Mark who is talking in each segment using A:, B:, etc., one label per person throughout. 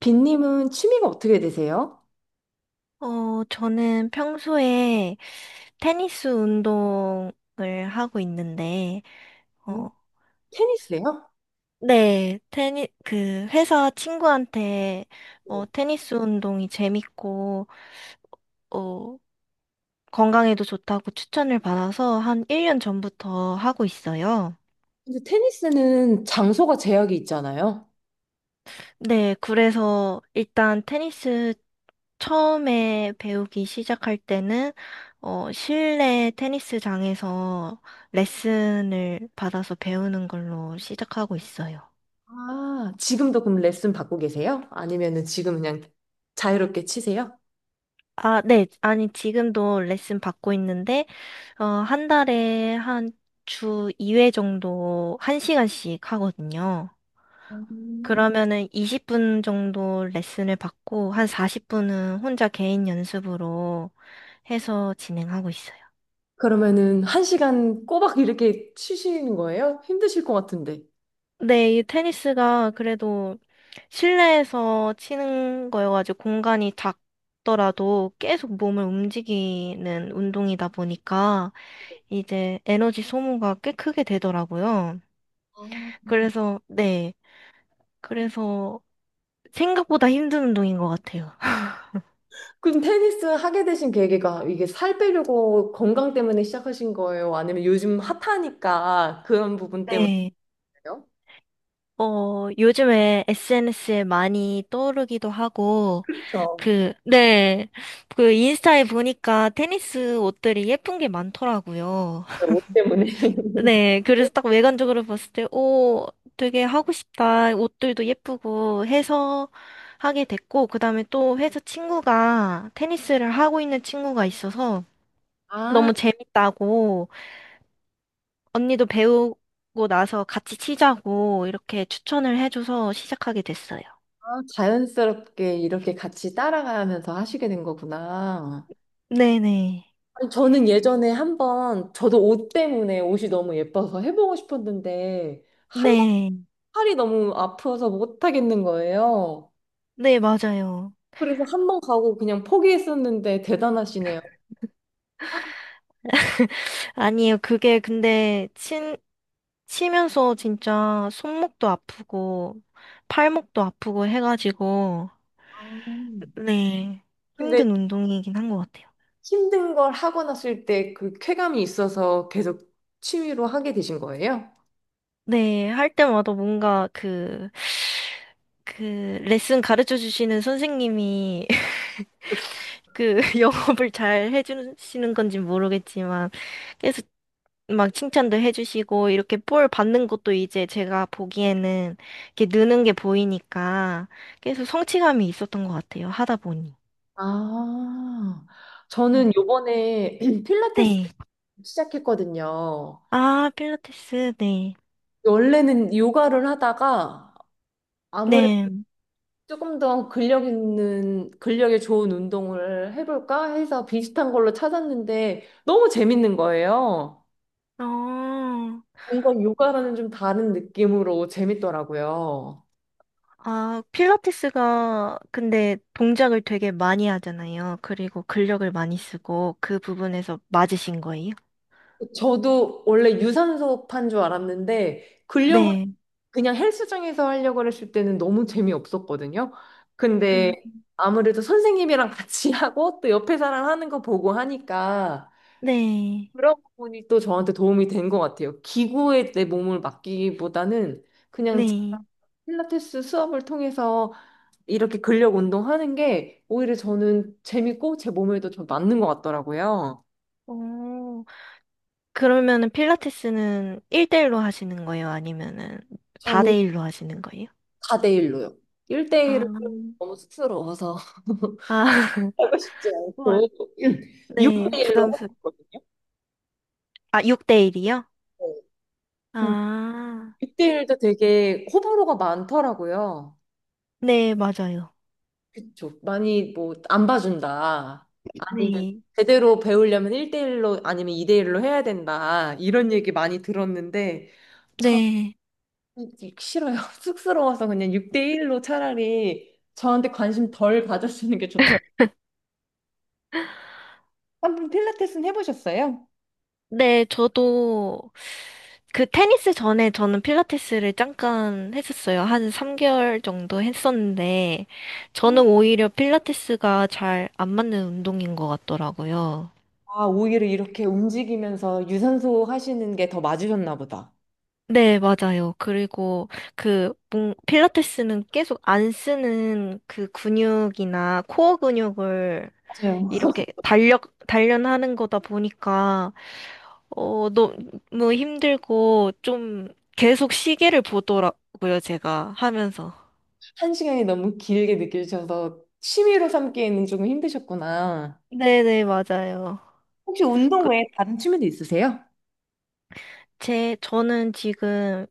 A: 빈님은 취미가 어떻게 되세요?
B: 저는 평소에 테니스 운동을 하고 있는데,
A: 음,
B: 어,
A: 테니스요?
B: 네, 그, 회사 친구한테,
A: 네.
B: 테니스 운동이 재밌고, 어, 건강에도 좋다고 추천을 받아서 한 1년 전부터 하고 있어요.
A: 근데 테니스는 장소가 제약이 있잖아요.
B: 네, 그래서 일단 테니스 처음에 배우기 시작할 때는 실내 테니스장에서 레슨을 받아서 배우는 걸로 시작하고 있어요.
A: 아, 지금도 그럼 레슨 받고 계세요? 아니면은 지금 그냥 자유롭게 치세요?
B: 아, 네. 아니, 지금도 레슨 받고 있는데, 한 달에 한 주 2회 정도 1시간씩 하거든요.
A: 음.
B: 그러면은 20분 정도 레슨을 받고, 한 40분은 혼자 개인 연습으로 해서 진행하고 있어요.
A: 그러면은 한 시간 꼬박 이렇게 치시는 거예요? 힘드실 것 같은데.
B: 네, 이 테니스가 그래도 실내에서 치는 거여가지고 공간이 작더라도 계속 몸을 움직이는 운동이다 보니까 이제 에너지 소모가 꽤 크게 되더라고요.
A: 아, 음.
B: 그래서, 네. 그래서 생각보다 힘든 운동인 것 같아요.
A: 그럼 테니스 하게 되신 계기가 이게 살 빼려고 건강 때문에 시작하신 거예요? 아니면 요즘 핫하니까 그런 부분 때문에요?
B: 네. 요즘에 SNS에 많이 떠오르기도 하고,
A: 그렇죠.
B: 그, 네. 그 인스타에 보니까 테니스 옷들이 예쁜 게 많더라고요.
A: 옷 때문에.
B: 네, 그래서 딱 외관적으로 봤을 때, 오, 되게 하고 싶다. 옷들도 예쁘고 해서 하게 됐고, 그 다음에 또 회사 친구가 테니스를 하고 있는 친구가 있어서
A: 아,
B: 너무 재밌다고, 언니도 배우고 나서 같이 치자고 이렇게 추천을 해줘서 시작하게 됐어요.
A: 아, 자연스럽게 이렇게 같이 따라가면서 하시게 된 거구나.
B: 네네.
A: 아니, 저는 예전에 한번 저도 옷 때문에 옷이 너무 예뻐서 해보고 싶었는데 한 번
B: 네.
A: 팔이 너무 아파서 못 하겠는 거예요.
B: 네, 맞아요.
A: 그래서 한 번 가고 그냥 포기했었는데 대단하시네요.
B: 아니에요. 그게 근데 치면서 진짜 손목도 아프고 팔목도 아프고 해가지고,
A: 음.
B: 네,
A: 근데
B: 힘든 운동이긴 한 것 같아요.
A: 힘든 걸 하고 났을 때 그 쾌감이 있어서 계속 취미로 하게 되신 거예요?
B: 네, 할 때마다 뭔가 그, 레슨 가르쳐 주시는 선생님이 그 영업을 잘 해주시는 건지 모르겠지만 계속 막 칭찬도 해주시고 이렇게 볼 받는 것도 이제 제가 보기에는 이렇게 느는 게 보이니까 계속 성취감이 있었던 것 같아요. 하다 보니.
A: 아, 저는
B: 음.
A: 요번에 필라테스
B: 네.
A: 시작했거든요.
B: 아, 필라테스, 네.
A: 원래는 요가를 하다가 아무래도
B: 네.
A: 조금 더 근력 있는, 근력에 좋은 운동을 해볼까 해서 비슷한 걸로 찾았는데 너무 재밌는 거예요.
B: 어,
A: 뭔가 요가라는 좀 다른 느낌으로 재밌더라고요.
B: 필라테스가 근데 동작을 되게 많이 하잖아요. 그리고 근력을 많이 쓰고 그 부분에서 맞으신 거예요?
A: 저도 원래 유산소판 줄 알았는데 근력을
B: 네.
A: 그냥 헬스장에서 하려고 했을 때는 너무 재미없었거든요.
B: 음,
A: 근데 아무래도 선생님이랑 같이 하고 또 옆에 사람 하는 거 보고 하니까
B: 네.
A: 그런 부분이 또 저한테 도움이 된 것 같아요. 기구에 내 몸을 맡기기보다는 그냥 제가
B: 네.
A: 필라테스 수업을 통해서 이렇게 근력 운동하는 게 오히려 저는 재밌고 제 몸에도 좀 맞는 것 같더라고요.
B: 오, 그러면은 필라테스는 1대1로 하시는 거예요? 아니면은
A: 저는
B: 다대일로 하시는 거예요?
A: 4대1로요.
B: 아,
A: 1대1은 너무 쑥스러워서.
B: 아,
A: 하고 싶지
B: 우와.
A: 않고
B: 네,
A: 6대1로 하고
B: 부담스.
A: 있거든요.
B: 아, 6대1이요?
A: 육
B: 아,
A: 6대1도 되게 호불호가 많더라고요.
B: 네, 맞아요.
A: 그쵸. 많이 뭐 안 봐준다. 아니면
B: 네,
A: 제대로 배우려면 1대1로 아니면 2대1로 해야 된다. 이런 얘기 많이 들었는데 전
B: 네,
A: 싫어요. 쑥스러워서 그냥 6대1로 차라리 저한테 관심 덜 가져주는 게 좋더라고요. 한번 필라테스는 해보셨어요?
B: 네, 저도 그 테니스 전에 저는 필라테스를 잠깐 했었어요. 한 3개월 정도 했었는데, 저는 오히려 필라테스가 잘 안 맞는 운동인 것 같더라고요.
A: 아, 오히려 이렇게 움직이면서 유산소 하시는 게 더 맞으셨나 보다.
B: 네, 맞아요. 그리고 그 필라테스는 계속 안 쓰는 그 근육이나 코어 근육을
A: 맞아요.
B: 이렇게 달력 단련하는 거다 보니까 너무 힘들고 좀 계속 시계를 보더라고요, 제가 하면서.
A: 한 시간이 너무 길게 느껴지셔서 취미로 삼기에는 조금 힘드셨구나.
B: 네, 네, 맞아요.
A: 혹시 운동
B: 그,
A: 외에 다른 취미도 있으세요?
B: 제 저는 지금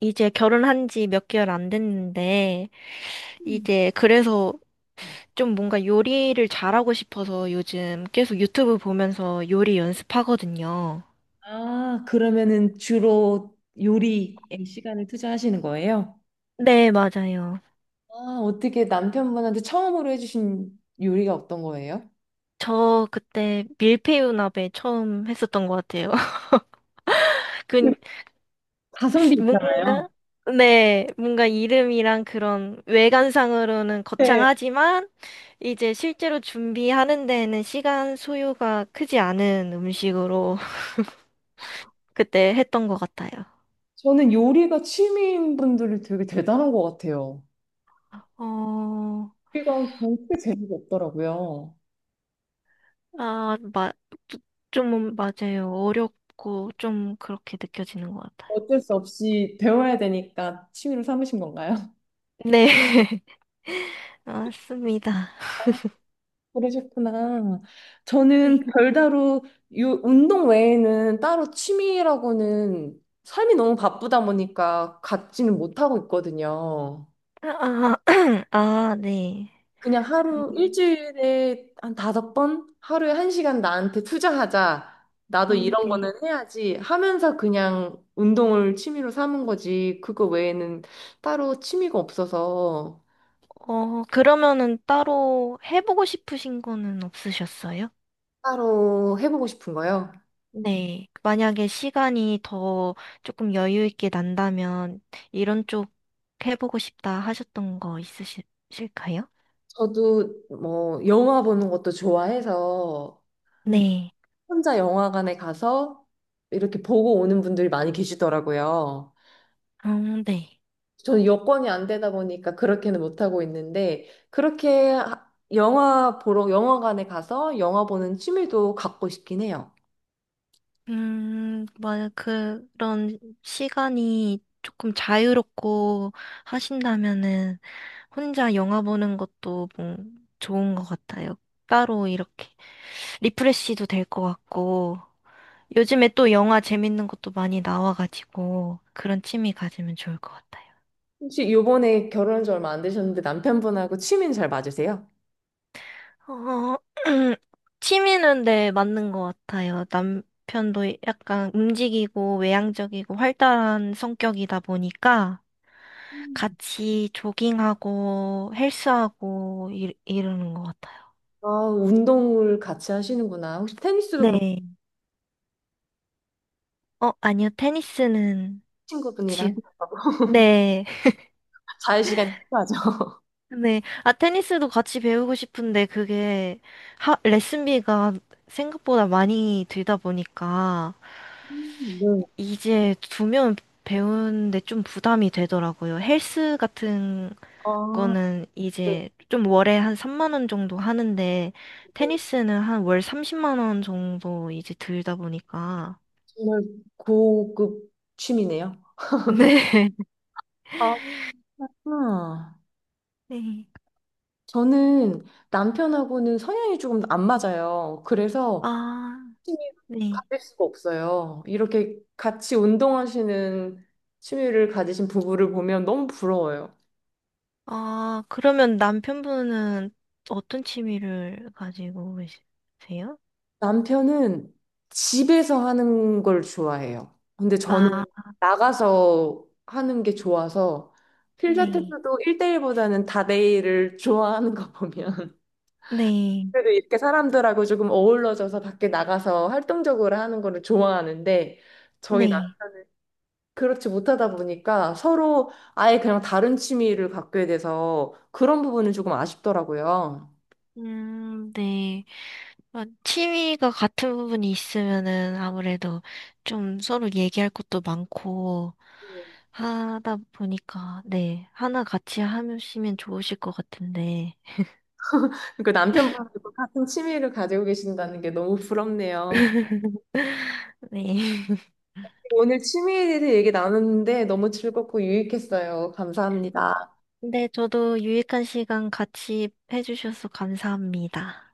B: 이제 결혼한 지 몇 개월 안 됐는데
A: 음.
B: 이제 그래서 좀 뭔가 요리를 잘하고 싶어서 요즘 계속 유튜브 보면서 요리 연습하거든요.
A: 아, 그러면은 주로 요리에 시간을 투자하시는 거예요?
B: 네, 맞아요.
A: 아, 어떻게 남편분한테 처음으로 해주신 요리가 어떤 거예요?
B: 저 그때 밀푀유나베 처음 했었던 것 같아요. 그,
A: 가성비 있잖아요.
B: 뭔가, 네, 뭔가 이름이랑 그런 외관상으로는
A: 네,
B: 거창하지만, 이제 실제로 준비하는 데에는 시간 소요가 크지 않은 음식으로 그때 했던 것 같아요.
A: 저는 요리가 취미인 분들이 되게 대단한 것 같아요.
B: 어,
A: 요리가 절대 재미가 없더라고요.
B: 아, 좀 맞아요. 어렵고 좀 그렇게 느껴지는 것 같아요.
A: 어쩔 수 없이 배워야 되니까 취미로 삼으신 건가요?
B: 네. 맞습니다.
A: 그러셨구나. 저는
B: 네.
A: 별다로 요 운동 외에는 따로 취미라고는 삶이 너무 바쁘다 보니까 갖지는 못하고 있거든요.
B: 아, 아, 아, 네.
A: 그냥
B: 음,
A: 하루 일주일에 한 다섯 번 하루에 한 시간 나한테 투자하자. 나도 이런 거는
B: 네.
A: 해야지 하면서 그냥 운동을 취미로 삼은 거지. 그거 외에는 따로 취미가 없어서
B: 그러면은 따로 해보고 싶으신 거는 없으셨어요?
A: 따로 해보고 싶은 거요.
B: 네. 만약에 시간이 더 조금 여유 있게 난다면 이런 쪽 해보고 싶다 하셨던 거 있으실까요?
A: 저도 뭐 영화 보는 것도 좋아해서 음,
B: 네.
A: 혼자 영화관에 가서 이렇게 보고 오는 분들이 많이 계시더라고요.
B: 네.
A: 저는 여건이 안 되다 보니까 그렇게는 못하고 있는데 영화 보러 영화관에 가서 영화 보는 취미도 갖고 싶긴 해요.
B: 만약 그런 시간이 조금 자유롭고 하신다면은 혼자 영화 보는 것도 뭐 좋은 것 같아요. 따로 이렇게 리프레시도 될 것 같고 요즘에 또 영화 재밌는 것도 많이 나와가지고 그런 취미 가지면 좋을 것 같아요.
A: 혹시 요번에 결혼한 지 얼마 안 되셨는데 남편분하고 취미는 잘 맞으세요?
B: 어, 취미는, 네, 맞는 것 같아요. 남편도 약간 움직이고 외향적이고 활달한 성격이다 보니까
A: 음.
B: 같이 조깅하고 헬스하고 이러는 것 같아요.
A: 아, 운동을 같이 하시는구나. 혹시 테니스도 그럼
B: 네. 아니요. 테니스는 지
A: 친구분이랑
B: 네.
A: 자유 시간이 필요하죠?
B: 네. 아, 테니스도 같이 배우고 싶은데 그게 레슨비가 생각보다 많이 들다 보니까
A: 네.
B: 이제 두 명 배우는데 좀 부담이 되더라고요. 헬스 같은
A: 아,
B: 거는
A: 네,
B: 이제 좀 월에 한 3만 원 정도 하는데
A: 네.
B: 테니스는 한 월 30만 원 정도 이제 들다 보니까
A: 정말 고급 취미네요.
B: 네.
A: 아, 아,
B: 네.
A: 저는 남편하고는 성향이 조금 안 맞아요. 그래서
B: 아,
A: 취미를
B: 네.
A: 가질 수가 없어요. 이렇게 같이 운동하시는 취미를 가지신 부부를 보면 너무 부러워요.
B: 아, 그러면 남편분은 어떤 취미를 가지고 계세요?
A: 남편은 집에서 하는 걸 좋아해요. 근데 저는
B: 아,
A: 나가서 하는 게 좋아서
B: 네.
A: 필라테스도 1대1보다는 다대일을 좋아하는 거 보면
B: 네.
A: 그래도 이렇게 사람들하고 조금 어우러져서 밖에 나가서 활동적으로 하는 거를 좋아하는데 저희 나
B: 네.
A: 그렇지 못하다 보니까 서로 아예 그냥 다른 취미를 갖게 돼서 그런 부분은 조금 아쉽더라고요.
B: 네. 아, 취미가 같은 부분이 있으면은 아무래도 좀 서로 얘기할 것도 많고 하다 보니까, 네, 하나 같이 하시면 좋으실 것 같은데.
A: 그 남편분도 같은 취미를 가지고 계신다는 게 너무 부럽네요.
B: 네.
A: 오늘 취미에 대해서 얘기 나눴는데 너무 즐겁고 유익했어요. 감사합니다.
B: 근데 저도 유익한 시간 같이 해주셔서 감사합니다.